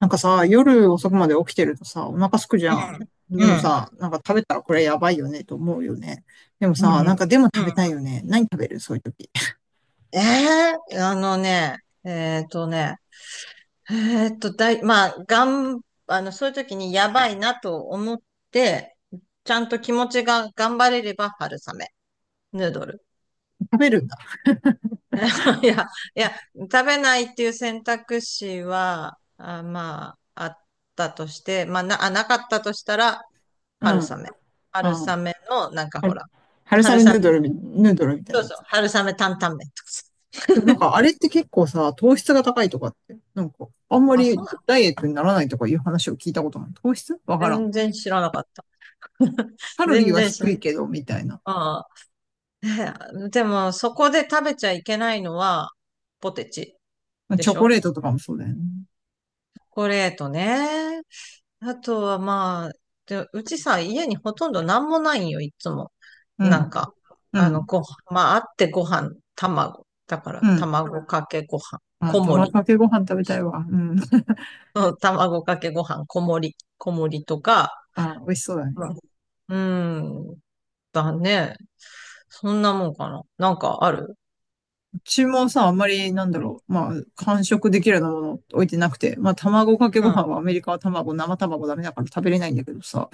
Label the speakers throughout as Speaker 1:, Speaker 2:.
Speaker 1: なんかさ、夜遅くまで起きてるとさ、お腹空くじ
Speaker 2: う
Speaker 1: ゃん。
Speaker 2: ん、
Speaker 1: で
Speaker 2: う
Speaker 1: も
Speaker 2: ん、
Speaker 1: さ、なんか食べたらこれやばいよねと思うよね。でも
Speaker 2: うん、
Speaker 1: さ、なんかでも
Speaker 2: う
Speaker 1: 食べた
Speaker 2: ん。
Speaker 1: いよね。何食べるそういう時。
Speaker 2: ええあのね、えっとね、まあ、がん、あの、そういう時にやばいなと思って、ちゃんと気持ちが頑張れれば春雨、ヌードル。
Speaker 1: 食べるんだ。
Speaker 2: いや、いや、食べないっていう選択肢は、まあ、あったとして、まあ、なかったとしたら、
Speaker 1: うん。
Speaker 2: 春
Speaker 1: うん。
Speaker 2: 雨。春
Speaker 1: は
Speaker 2: 雨の、なんかほら、
Speaker 1: 春
Speaker 2: 春
Speaker 1: 雨
Speaker 2: 雨、
Speaker 1: ヌードルみたい
Speaker 2: そ
Speaker 1: な
Speaker 2: う
Speaker 1: や
Speaker 2: そう、
Speaker 1: つ。
Speaker 2: 春雨担々麺とかさ。
Speaker 1: でもなんかあれって結構さ、糖質が高いとかって、なんかあんま
Speaker 2: あ、そ
Speaker 1: りダイエットにならないとかいう話を聞いたことない？糖質わからん。
Speaker 2: 全然知らなかった。
Speaker 1: カロリー
Speaker 2: 全
Speaker 1: は
Speaker 2: 然知ら
Speaker 1: 低
Speaker 2: なか
Speaker 1: い
Speaker 2: っ
Speaker 1: けど、みたいな。
Speaker 2: た ああ。でも、そこで食べちゃいけないのは、ポテチ。
Speaker 1: まあ
Speaker 2: で
Speaker 1: チ
Speaker 2: し
Speaker 1: ョコ
Speaker 2: ょ、
Speaker 1: レー
Speaker 2: チ
Speaker 1: トと
Speaker 2: ョ
Speaker 1: かもそうだよね。
Speaker 2: コレートね。あとはまあ、でうちさ、家にほとんどなんもないんよ、いつも。
Speaker 1: う
Speaker 2: な
Speaker 1: ん。
Speaker 2: んか、
Speaker 1: うん。
Speaker 2: ご飯、まあ、あってご飯、卵。だから、
Speaker 1: うん。
Speaker 2: 卵かけご飯、
Speaker 1: まあ、
Speaker 2: 小盛
Speaker 1: 卵
Speaker 2: り。
Speaker 1: かけご飯食べたいわ。うん。
Speaker 2: うん、卵かけご飯、小盛りとか、
Speaker 1: あ、美味しそうだね。
Speaker 2: うん、うん。だね。そんなもんかな。なんかある？
Speaker 1: うちもさ、あんまり、なんだろう。まあ、完食できるようなもの置いてなくて。まあ、卵かけ
Speaker 2: う
Speaker 1: ご飯は
Speaker 2: ん。
Speaker 1: アメリカは卵、生卵ダメだから食べれないんだけどさ。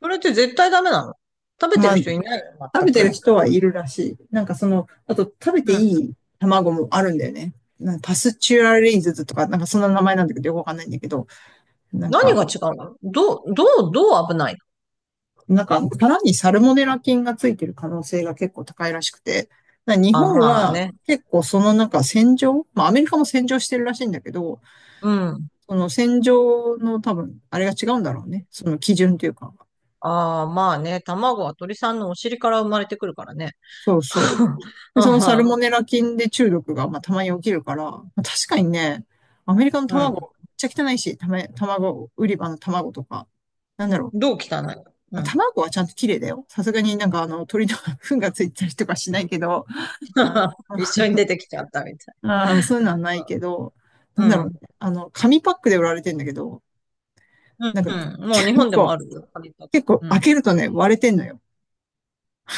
Speaker 2: それって絶対ダメなの？食べて
Speaker 1: ま
Speaker 2: る
Speaker 1: あ、
Speaker 2: 人いないの？
Speaker 1: 食
Speaker 2: 全
Speaker 1: べてる
Speaker 2: く。
Speaker 1: 人はいるらしい。なんかその、あと食べて
Speaker 2: う
Speaker 1: い
Speaker 2: ん。
Speaker 1: い卵もあるんだよね。なんかパスチュアリーズズとか、なんかそんな名前なんだけど、よくわかんないんだけど、なん
Speaker 2: 何
Speaker 1: か、
Speaker 2: が違うの？どう危ないの？
Speaker 1: なんか、殻にサルモネラ菌がついてる可能性が結構高いらしくて、な日
Speaker 2: あ、
Speaker 1: 本
Speaker 2: まあ
Speaker 1: は
Speaker 2: ね。
Speaker 1: 結構そのなんか洗浄、まあアメリカも洗浄してるらしいんだけど、
Speaker 2: うん。
Speaker 1: その戦場の多分、あれが違うんだろうね。その基準というか。
Speaker 2: ああ、まあね。卵は鳥さんのお尻から生まれてくるからね。
Speaker 1: そうそう。で、そのサル
Speaker 2: あ
Speaker 1: モ
Speaker 2: あ、
Speaker 1: ネラ菌で中毒が、まあ、たまに起きるから、まあ、確かにね、アメリカの
Speaker 2: うん。
Speaker 1: 卵、めっちゃ汚いし、たま、卵、売り場の卵とか、なんだろう。
Speaker 2: どう汚いの？
Speaker 1: ま
Speaker 2: う
Speaker 1: あ
Speaker 2: ん。
Speaker 1: 卵はちゃんと綺麗だよ。さすがになんかあの鳥の 糞がついたりとかしないけど、あの、
Speaker 2: 一緒に出てきちゃったみたい。
Speaker 1: あそういうのはないけど、な
Speaker 2: う
Speaker 1: んだろうね。
Speaker 2: ん。
Speaker 1: あの、紙パックで売られてんだけど、
Speaker 2: うん。
Speaker 1: なんか
Speaker 2: うん。もう
Speaker 1: 結
Speaker 2: 日本でも
Speaker 1: 構、
Speaker 2: あるよ。割と。
Speaker 1: 結構
Speaker 2: う
Speaker 1: 開
Speaker 2: ん。
Speaker 1: けるとね、割れてんのよ。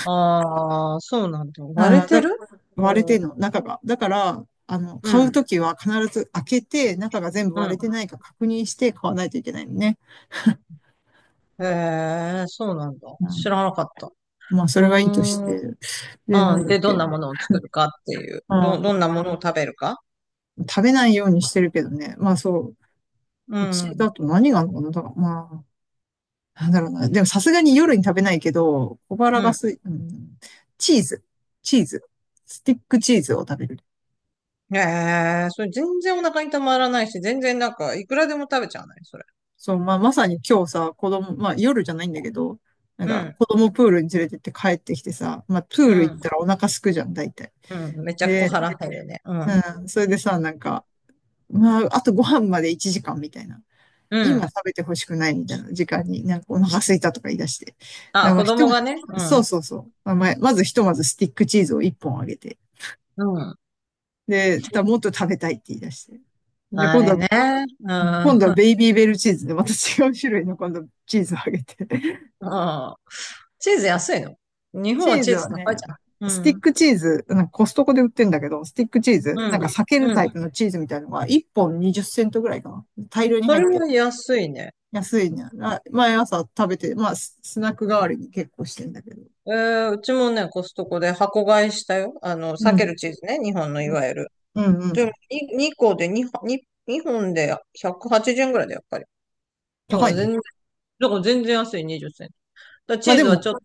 Speaker 2: ああ、そうなんだ。
Speaker 1: う
Speaker 2: 割れ
Speaker 1: ん、
Speaker 2: て
Speaker 1: だ、
Speaker 2: る？
Speaker 1: 割れ
Speaker 2: う
Speaker 1: てん
Speaker 2: ん。
Speaker 1: の、中が。だから、あの、
Speaker 2: う
Speaker 1: 買う
Speaker 2: ん。
Speaker 1: ときは必ず開けて、中が全部
Speaker 2: う
Speaker 1: 割れ
Speaker 2: ん。
Speaker 1: てないか確認して買わないといけないのね。
Speaker 2: へえ、そうなんだ。知
Speaker 1: う
Speaker 2: らなかった。
Speaker 1: ん、まあ、そ
Speaker 2: う
Speaker 1: れはいいとし
Speaker 2: ん。
Speaker 1: て。で、
Speaker 2: あ
Speaker 1: なん
Speaker 2: あ、
Speaker 1: だっ
Speaker 2: で、どん
Speaker 1: け。
Speaker 2: なものを作るかっていう。
Speaker 1: あー、
Speaker 2: どんなものを食べるか？
Speaker 1: 食べないようにしてるけどね。まあ、そう。
Speaker 2: う
Speaker 1: うちだ
Speaker 2: ん。
Speaker 1: と何があるのかなだから、まあ、なんだろうな。でもさすがに夜に食べないけど、小腹
Speaker 2: う
Speaker 1: が
Speaker 2: ん。
Speaker 1: すい、うん、チーズ。チーズ。スティックチーズを食べる。
Speaker 2: ええ、それ全然お腹にたまらないし、全然なんか、いくらでも食べちゃわない、それ。
Speaker 1: そう、まあ、まさに今日さ、子供、まあ、夜じゃないんだけど、なん
Speaker 2: う
Speaker 1: か、
Speaker 2: ん。
Speaker 1: 子供プールに連れてって帰ってきてさ、まあ、プ
Speaker 2: う
Speaker 1: ール行っ
Speaker 2: ん。
Speaker 1: たらお腹すくじゃん、大体。
Speaker 2: うん。めちゃ小
Speaker 1: で、
Speaker 2: 腹減るね。うん。
Speaker 1: うん、それでさ、なんか、まあ、あとご飯まで1時間みたいな。
Speaker 2: う
Speaker 1: 今
Speaker 2: ん。
Speaker 1: 食べてほしくないみたいな時間に、なんかお腹すいたとか言い出して。だか
Speaker 2: あ、
Speaker 1: らまあ、
Speaker 2: 子
Speaker 1: ひと
Speaker 2: 供
Speaker 1: ま、
Speaker 2: がね。う
Speaker 1: そう
Speaker 2: ん。
Speaker 1: そうそう。まあ、まあまずひとまずスティックチーズを1本あげて。
Speaker 2: うん。
Speaker 1: で、だもっと食べたいって言い出して。じゃあ
Speaker 2: あ
Speaker 1: 今度
Speaker 2: れ
Speaker 1: は、
Speaker 2: ね。うん。う
Speaker 1: 今度はベイビーベルチーズで、また違う種類の今度チーズをあげて。
Speaker 2: ん。チーズ安いの？日本
Speaker 1: チ
Speaker 2: は
Speaker 1: ー
Speaker 2: チ
Speaker 1: ズ
Speaker 2: ーズ
Speaker 1: は
Speaker 2: 高い
Speaker 1: ね、
Speaker 2: じゃ
Speaker 1: ス
Speaker 2: ん。
Speaker 1: ティ
Speaker 2: う
Speaker 1: ッ
Speaker 2: ん。
Speaker 1: クチーズ、なんかコストコで売ってんだけど、スティックチーズ、
Speaker 2: う
Speaker 1: な
Speaker 2: ん。
Speaker 1: んか裂ける
Speaker 2: うん。
Speaker 1: タイプのチーズみたいなのが1本20セントぐらいかな。大量に
Speaker 2: そ
Speaker 1: 入っ
Speaker 2: れ
Speaker 1: て。
Speaker 2: も安いね。
Speaker 1: 安いね。あ毎朝食べて、まあ、ススナック代わりに結構してんだけど。
Speaker 2: うちもね、コストコで箱買いしたよ。あの、
Speaker 1: う
Speaker 2: 避ける
Speaker 1: ん。
Speaker 2: チーズね。日本のい
Speaker 1: う
Speaker 2: わゆ
Speaker 1: ん。
Speaker 2: る。
Speaker 1: うんう
Speaker 2: でも
Speaker 1: ん。
Speaker 2: に2個で2、二本で180円ぐらいだよ、やっぱり。だか
Speaker 1: 高い
Speaker 2: ら
Speaker 1: ね。
Speaker 2: 全然、だから全然安い20銭。だからチ
Speaker 1: まあ
Speaker 2: ー
Speaker 1: で
Speaker 2: ズは
Speaker 1: も、
Speaker 2: ちょっと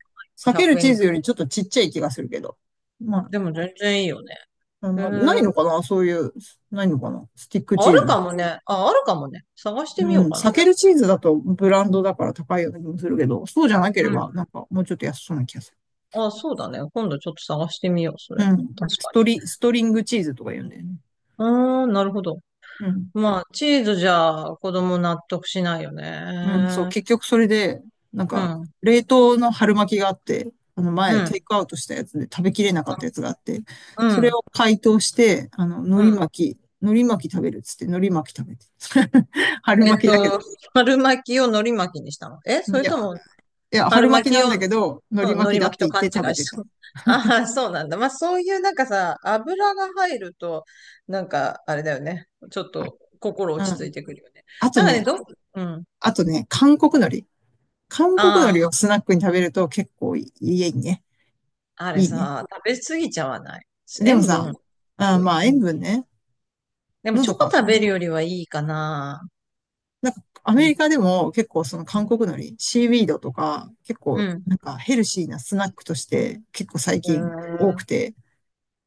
Speaker 1: 裂ける
Speaker 2: 100円
Speaker 1: チー
Speaker 2: ぐ
Speaker 1: ズ
Speaker 2: らい。
Speaker 1: よりちょっとちっちゃい気がするけど。ま
Speaker 2: でも全然いいよね。
Speaker 1: あ、うん
Speaker 2: へ
Speaker 1: まあ、ない
Speaker 2: え、
Speaker 1: のかなそういう、ないのかなスティックチ
Speaker 2: あ
Speaker 1: ー
Speaker 2: る
Speaker 1: ズ。
Speaker 2: かもね。あ、あるかもね。探して
Speaker 1: う
Speaker 2: みよ
Speaker 1: ん、
Speaker 2: うかな。
Speaker 1: 避
Speaker 2: で
Speaker 1: け
Speaker 2: も、
Speaker 1: るチーズだとブランドだから高いような気もするけど、そうじゃなけ
Speaker 2: う
Speaker 1: れば、
Speaker 2: ん。
Speaker 1: なんかもうちょっと安そうな気がする。
Speaker 2: あ、そうだね。今度ちょっと探してみよう、それ。
Speaker 1: うん。
Speaker 2: 確かに。
Speaker 1: ストリングチーズとか言うんだよね。
Speaker 2: あー、なるほど。
Speaker 1: うん。
Speaker 2: まあ、チーズじゃ子供納得しないよ
Speaker 1: うん、そう、
Speaker 2: ね。
Speaker 1: 結局それで、なん
Speaker 2: う
Speaker 1: か、
Speaker 2: ん、
Speaker 1: 冷凍の春巻きがあって、あの
Speaker 2: う
Speaker 1: 前、テイ
Speaker 2: ん、
Speaker 1: クアウトしたやつで食べきれなかったやつがあって、
Speaker 2: う
Speaker 1: それ
Speaker 2: ん、
Speaker 1: を解凍して、あの、
Speaker 2: うん。
Speaker 1: 海苔巻き食べるっつって、海苔巻き食べて。春
Speaker 2: えっ
Speaker 1: 巻きだけ
Speaker 2: と、春巻きを海苔巻きにしたの？え、そ
Speaker 1: ど。
Speaker 2: れとも
Speaker 1: いや、
Speaker 2: 春
Speaker 1: 春
Speaker 2: 巻
Speaker 1: 巻き
Speaker 2: き
Speaker 1: なん
Speaker 2: を、
Speaker 1: だけど、海苔巻
Speaker 2: の
Speaker 1: き
Speaker 2: 海苔
Speaker 1: だっ
Speaker 2: 巻き
Speaker 1: て
Speaker 2: と
Speaker 1: 言っ
Speaker 2: 勘違
Speaker 1: て食べ
Speaker 2: い
Speaker 1: て
Speaker 2: した。
Speaker 1: た。
Speaker 2: ああ、そうなんだ。まあ、そういうなんかさ、油が入ると、なんか、あれだよね。ちょっ
Speaker 1: あ
Speaker 2: と、心
Speaker 1: う
Speaker 2: 落ち着
Speaker 1: ん。
Speaker 2: いてくるよね。
Speaker 1: あと
Speaker 2: なんかね、
Speaker 1: ね、
Speaker 2: うん。
Speaker 1: あとね、韓国海苔。韓国海
Speaker 2: あ
Speaker 1: 苔をスナックに食べると結構いいね。
Speaker 2: あ、あれ
Speaker 1: いいね。
Speaker 2: さ、食べ過ぎちゃわない？
Speaker 1: でも
Speaker 2: 塩
Speaker 1: さ、
Speaker 2: 分、す
Speaker 1: あー
Speaker 2: ごい。
Speaker 1: まあ
Speaker 2: う
Speaker 1: 塩
Speaker 2: ん。
Speaker 1: 分ね、
Speaker 2: でも、チ
Speaker 1: 喉
Speaker 2: ョコ
Speaker 1: 乾く
Speaker 2: 食べ
Speaker 1: ね。
Speaker 2: るよりはいいかな。
Speaker 1: なんかア
Speaker 2: う
Speaker 1: メリ
Speaker 2: ん。
Speaker 1: カでも結構その韓
Speaker 2: う
Speaker 1: 国海苔、シーウィードとか結構
Speaker 2: ん。
Speaker 1: なんかヘルシーなスナックとして結構最
Speaker 2: う
Speaker 1: 近多く
Speaker 2: ん。
Speaker 1: て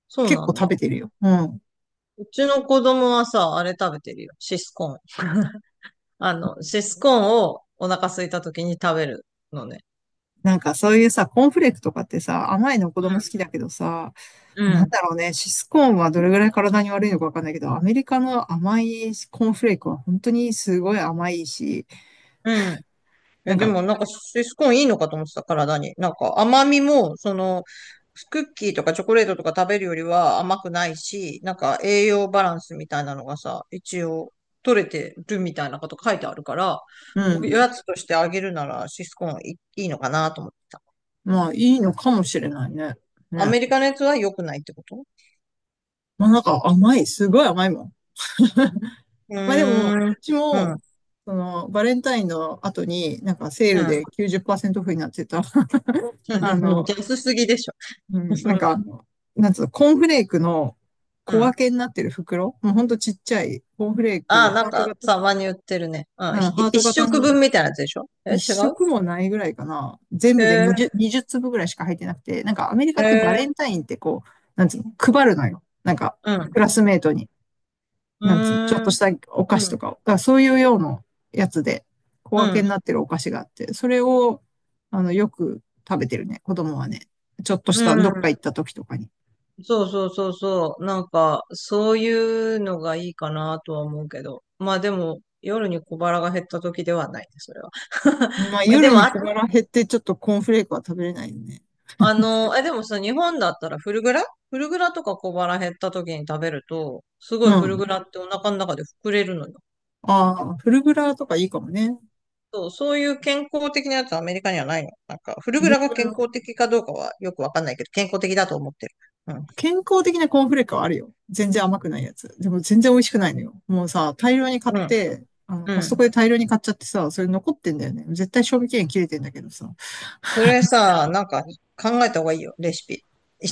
Speaker 2: そう
Speaker 1: 結
Speaker 2: な
Speaker 1: 構
Speaker 2: んだ。
Speaker 1: 食べてるよ。うん。
Speaker 2: うちの子供はさ、あれ食べてるよ。シスコーン。シスコーンをお腹空いた時に食べるのね。
Speaker 1: なんかそういうさ、コーンフレークとかってさ、甘いの子
Speaker 2: う
Speaker 1: 供好
Speaker 2: ん。
Speaker 1: きだけどさ、
Speaker 2: う
Speaker 1: なん
Speaker 2: ん。
Speaker 1: だろうね、シスコーンはどれぐらい体に悪いのかわかんないけど、アメリカの甘いコーンフレークは本当にすごい甘いし、
Speaker 2: うん。
Speaker 1: な
Speaker 2: え、
Speaker 1: ん
Speaker 2: で
Speaker 1: か、
Speaker 2: もなんかシスコーンいいのかと思ってた、体に。なんか甘みも、クッキーとかチョコレートとか食べるよりは甘くないし、なんか栄養バランスみたいなのがさ、一応取れてるみたいなこと書いてあるから、
Speaker 1: う
Speaker 2: お
Speaker 1: ん、
Speaker 2: やつとしてあげるならシスコーンいいいのかなと思ってた。
Speaker 1: まあいいのかもしれないね。
Speaker 2: ア
Speaker 1: ね。
Speaker 2: メリカのやつは良くないってこと？
Speaker 1: まあなんか甘い、すごい甘いもん。
Speaker 2: う
Speaker 1: まあでも、
Speaker 2: ーん。
Speaker 1: うち
Speaker 2: うん。うん。
Speaker 1: も、その、バレンタインの後に、なんかセールで90%オフになってた、あの、
Speaker 2: 安すぎでしょ。
Speaker 1: うん、なんか あの、なんつうの、コーンフレークの
Speaker 2: う
Speaker 1: 小
Speaker 2: ん。
Speaker 1: 分けになってる袋、もうほんとちっちゃい、コーンフレー
Speaker 2: あ
Speaker 1: ク、
Speaker 2: あ、な
Speaker 1: ハ
Speaker 2: ん
Speaker 1: ート
Speaker 2: か、
Speaker 1: 型、
Speaker 2: たまに売ってるね。う
Speaker 1: う
Speaker 2: ん。
Speaker 1: ん、ハート
Speaker 2: 一
Speaker 1: 型
Speaker 2: 食分みたいなやつでしょ？え、
Speaker 1: 一
Speaker 2: 違う？
Speaker 1: 食もないぐらいかな。全
Speaker 2: へ
Speaker 1: 部で
Speaker 2: え、
Speaker 1: 20、20粒ぐらいしか入ってなくて、なんかアメリカ
Speaker 2: へ
Speaker 1: ってバ
Speaker 2: え、
Speaker 1: レンタインってこう、なんつうの、配るのよ。なんか、
Speaker 2: う
Speaker 1: ク
Speaker 2: ん。
Speaker 1: ラスメートに、
Speaker 2: う
Speaker 1: なんつうの、ちょっと
Speaker 2: ー
Speaker 1: し
Speaker 2: ん、
Speaker 1: たお菓
Speaker 2: う
Speaker 1: 子と
Speaker 2: ん、
Speaker 1: かを。だからそういうようなやつで、小
Speaker 2: う
Speaker 1: 分け
Speaker 2: ん、
Speaker 1: になってるお菓子があって、それを、あの、よく食べてるね、子供はね。ちょっとし
Speaker 2: う
Speaker 1: たどっか行っ
Speaker 2: ん。
Speaker 1: た時とかに。
Speaker 2: そうそうそうそう。なんか、そういうのがいいかなとは思うけど。まあでも、夜に小腹が減った時ではないね、それは。
Speaker 1: ま あ、
Speaker 2: まあで
Speaker 1: 夜
Speaker 2: も、
Speaker 1: に
Speaker 2: あ、
Speaker 1: 小腹減って、ちょっとコーンフレークは食べれないよね。
Speaker 2: でもさ、日本だったらフルグラとか小腹減った時に食べると、すご
Speaker 1: う
Speaker 2: いフルグ
Speaker 1: ん。
Speaker 2: ラってお腹の中で膨れるのよ。
Speaker 1: ああ、フルグラとかいいかもね。
Speaker 2: そう、そういう健康的なやつはアメリカにはないの。なんか、フル
Speaker 1: フ
Speaker 2: グ
Speaker 1: ル
Speaker 2: ラが
Speaker 1: グ
Speaker 2: 健
Speaker 1: ラ。
Speaker 2: 康的かどうかはよくわかんないけど、健康的だと思ってる。うん。
Speaker 1: 健康的なコーンフレークはあるよ。全然甘くないやつ。でも全然美味しくないのよ。もうさ、大量に買っ
Speaker 2: うん。
Speaker 1: て、あの、
Speaker 2: う
Speaker 1: コストコ
Speaker 2: ん。
Speaker 1: で大量に買っちゃってさ、それ残ってんだよね。絶対賞味期限切れてんだけどさ。
Speaker 2: それさ、なんか考えた方がいいよ、レシピ。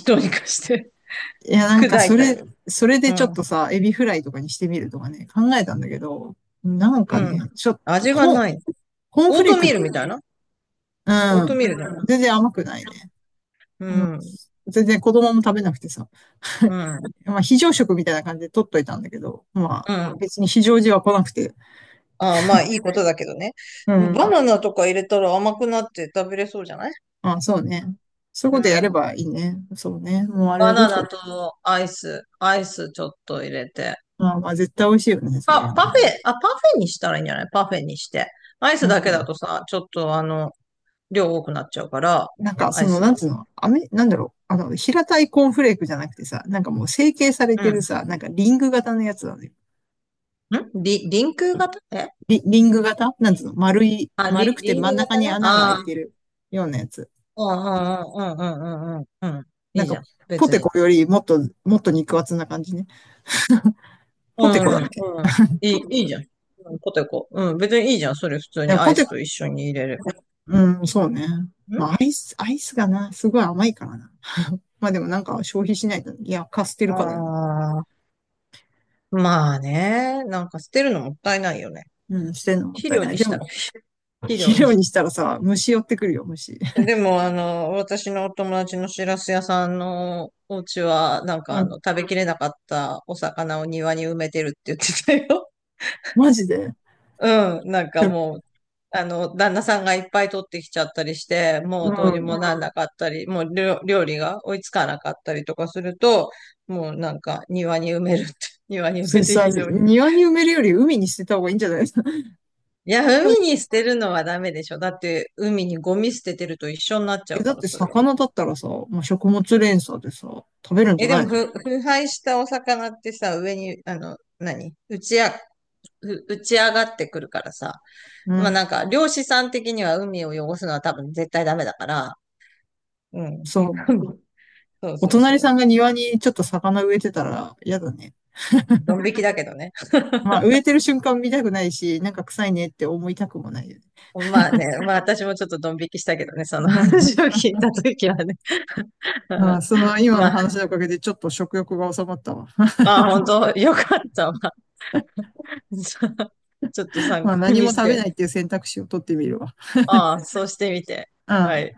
Speaker 2: どうにかして
Speaker 1: いや、なん
Speaker 2: 砕
Speaker 1: か
Speaker 2: い
Speaker 1: そ
Speaker 2: た
Speaker 1: れ、
Speaker 2: り。
Speaker 1: それ
Speaker 2: う
Speaker 1: でちょ
Speaker 2: ん。
Speaker 1: っとさ、エビフライとかにしてみるとかね、考えたんだけど、なん
Speaker 2: う
Speaker 1: か
Speaker 2: ん。
Speaker 1: ね、ちょっと、
Speaker 2: 味が
Speaker 1: コーン、
Speaker 2: ない。
Speaker 1: コーン
Speaker 2: オ
Speaker 1: フ
Speaker 2: ー
Speaker 1: レー
Speaker 2: トミ
Speaker 1: ク、
Speaker 2: ールみたいな。オー
Speaker 1: う
Speaker 2: ト
Speaker 1: ん、
Speaker 2: ミールだよな。
Speaker 1: 全然甘くないね。
Speaker 2: う
Speaker 1: あの、
Speaker 2: ん。
Speaker 1: 全然子供も食べなくてさ。
Speaker 2: う ん。
Speaker 1: まあ、非常食みたいな感じで取っといたんだけど、まあ、
Speaker 2: うん。
Speaker 1: 別に非常時は来なくて、
Speaker 2: ああ、まあいいことだけどね。
Speaker 1: う
Speaker 2: バ
Speaker 1: ん、
Speaker 2: ナナとか入れたら甘くなって食べれそうじゃない？
Speaker 1: あ、そうね。そういう
Speaker 2: う
Speaker 1: ことやれ
Speaker 2: ん。
Speaker 1: ばいいね。そうね。もうあ
Speaker 2: バ
Speaker 1: れどう
Speaker 2: ナ
Speaker 1: しよ
Speaker 2: ナ
Speaker 1: う。
Speaker 2: とアイス、アイスちょっと入れて。
Speaker 1: まあ、まあ絶対美味しいよね、それ
Speaker 2: あ、
Speaker 1: は
Speaker 2: パフ
Speaker 1: ね。
Speaker 2: ェ、あ、パフェにしたらいいんじゃない？パフェにして。アイ
Speaker 1: う
Speaker 2: スだけだ
Speaker 1: ん。
Speaker 2: とさ、ちょっと量多くなっちゃうから、
Speaker 1: なんか、
Speaker 2: ア
Speaker 1: そ
Speaker 2: イ
Speaker 1: の、
Speaker 2: ス
Speaker 1: なん
Speaker 2: の。
Speaker 1: つうの、あめ、なんだろう。あの、平たいコーンフレークじゃなくてさ、なんかもう成形され
Speaker 2: う
Speaker 1: てる
Speaker 2: ん。
Speaker 1: さ、なんかリング型のやつだね。
Speaker 2: ん。リンク型？え、
Speaker 1: リング型なんつうの丸い、
Speaker 2: あ、
Speaker 1: 丸くて
Speaker 2: リン
Speaker 1: 真ん
Speaker 2: ク
Speaker 1: 中
Speaker 2: 型
Speaker 1: に
Speaker 2: ね。
Speaker 1: 穴が開い
Speaker 2: ああ、
Speaker 1: てるようなやつ。
Speaker 2: うんうんうんうんうんうんうん。
Speaker 1: な
Speaker 2: い
Speaker 1: ん
Speaker 2: いじ
Speaker 1: か、
Speaker 2: ゃん。
Speaker 1: ポ
Speaker 2: 別
Speaker 1: テ
Speaker 2: に。
Speaker 1: コよりもっと、もっと肉厚な感じね。
Speaker 2: う
Speaker 1: ポテコだっ
Speaker 2: ん
Speaker 1: けい
Speaker 2: うん。いいじゃん。うん、ポテコ。うん、別にいいじゃん。それ普通に
Speaker 1: や、
Speaker 2: ア
Speaker 1: ポ
Speaker 2: イ
Speaker 1: テ
Speaker 2: ス
Speaker 1: コ、
Speaker 2: と一緒に入れる。
Speaker 1: うん、そうね。
Speaker 2: う
Speaker 1: ま
Speaker 2: ん。
Speaker 1: あ、アイスがな、すごい甘いからな。まあでもなんか消費しないと、いや、貸捨てるからよな。
Speaker 2: ああー、まあね。なんか捨てるのもったいないよね。
Speaker 1: うん、捨てるのもっ
Speaker 2: 肥
Speaker 1: たい
Speaker 2: 料
Speaker 1: ない。
Speaker 2: に
Speaker 1: で
Speaker 2: した
Speaker 1: も、
Speaker 2: ら、肥
Speaker 1: 肥
Speaker 2: 料に。
Speaker 1: 料にしたらさ、虫寄ってくるよ、虫。
Speaker 2: でも、私のお友達のしらす屋さんのお家は、なんか
Speaker 1: うん、
Speaker 2: 食べきれなかったお魚を庭に埋めてるって言ってたよ。
Speaker 1: マジで。
Speaker 2: うん、なんかもう、旦那さんがいっぱい取ってきちゃったりして、
Speaker 1: う
Speaker 2: もうどうに
Speaker 1: ん。
Speaker 2: もなんなかったり、もう料理が追いつかなかったりとかすると、もうなんか庭に埋めるって、庭に埋
Speaker 1: それ
Speaker 2: めて
Speaker 1: さ、
Speaker 2: 非常に。
Speaker 1: 庭に埋めるより海に捨てた方がいいんじゃないですか？
Speaker 2: いや、海に捨てるのはダメでしょ。だって海にゴミ捨ててると一緒になっちゃ
Speaker 1: え、
Speaker 2: う
Speaker 1: だ
Speaker 2: か
Speaker 1: っ
Speaker 2: ら、
Speaker 1: て
Speaker 2: それ。
Speaker 1: 魚だったらさ、まあ、食物連鎖でさ、食べるんじ
Speaker 2: え、
Speaker 1: ゃ
Speaker 2: で
Speaker 1: ない
Speaker 2: も
Speaker 1: の？
Speaker 2: 腐敗したお魚ってさ、上に、あの、何打ちあ、ふ打ち上がってくるからさ。
Speaker 1: う
Speaker 2: まあな
Speaker 1: ん。
Speaker 2: んか、漁師さん的には海を汚すのは多分絶対ダメだから。うん。
Speaker 1: そう。
Speaker 2: そう
Speaker 1: お
Speaker 2: そう
Speaker 1: 隣
Speaker 2: そ
Speaker 1: さん
Speaker 2: う。
Speaker 1: が庭にちょっと魚植えてたら嫌だね。
Speaker 2: ドン引きだけどね。
Speaker 1: まあ、植えてる瞬間見たくないし、なんか臭いねって思いたくもないよね。
Speaker 2: まあね、まあ私もちょっとドン引きしたけどね、その話を 聞いたときはね。う
Speaker 1: まあ、
Speaker 2: ん。
Speaker 1: その今
Speaker 2: ま
Speaker 1: の
Speaker 2: あ、
Speaker 1: 話のおかげでちょっと食欲が収まったわ。
Speaker 2: まあ本当よかったわ。ちょっと参
Speaker 1: まあ
Speaker 2: 考
Speaker 1: 何
Speaker 2: に
Speaker 1: も
Speaker 2: し
Speaker 1: 食べないっ
Speaker 2: て。
Speaker 1: ていう選択肢を取ってみるわ。
Speaker 2: ああ、そうしてみて。
Speaker 1: う
Speaker 2: は
Speaker 1: ん。
Speaker 2: い。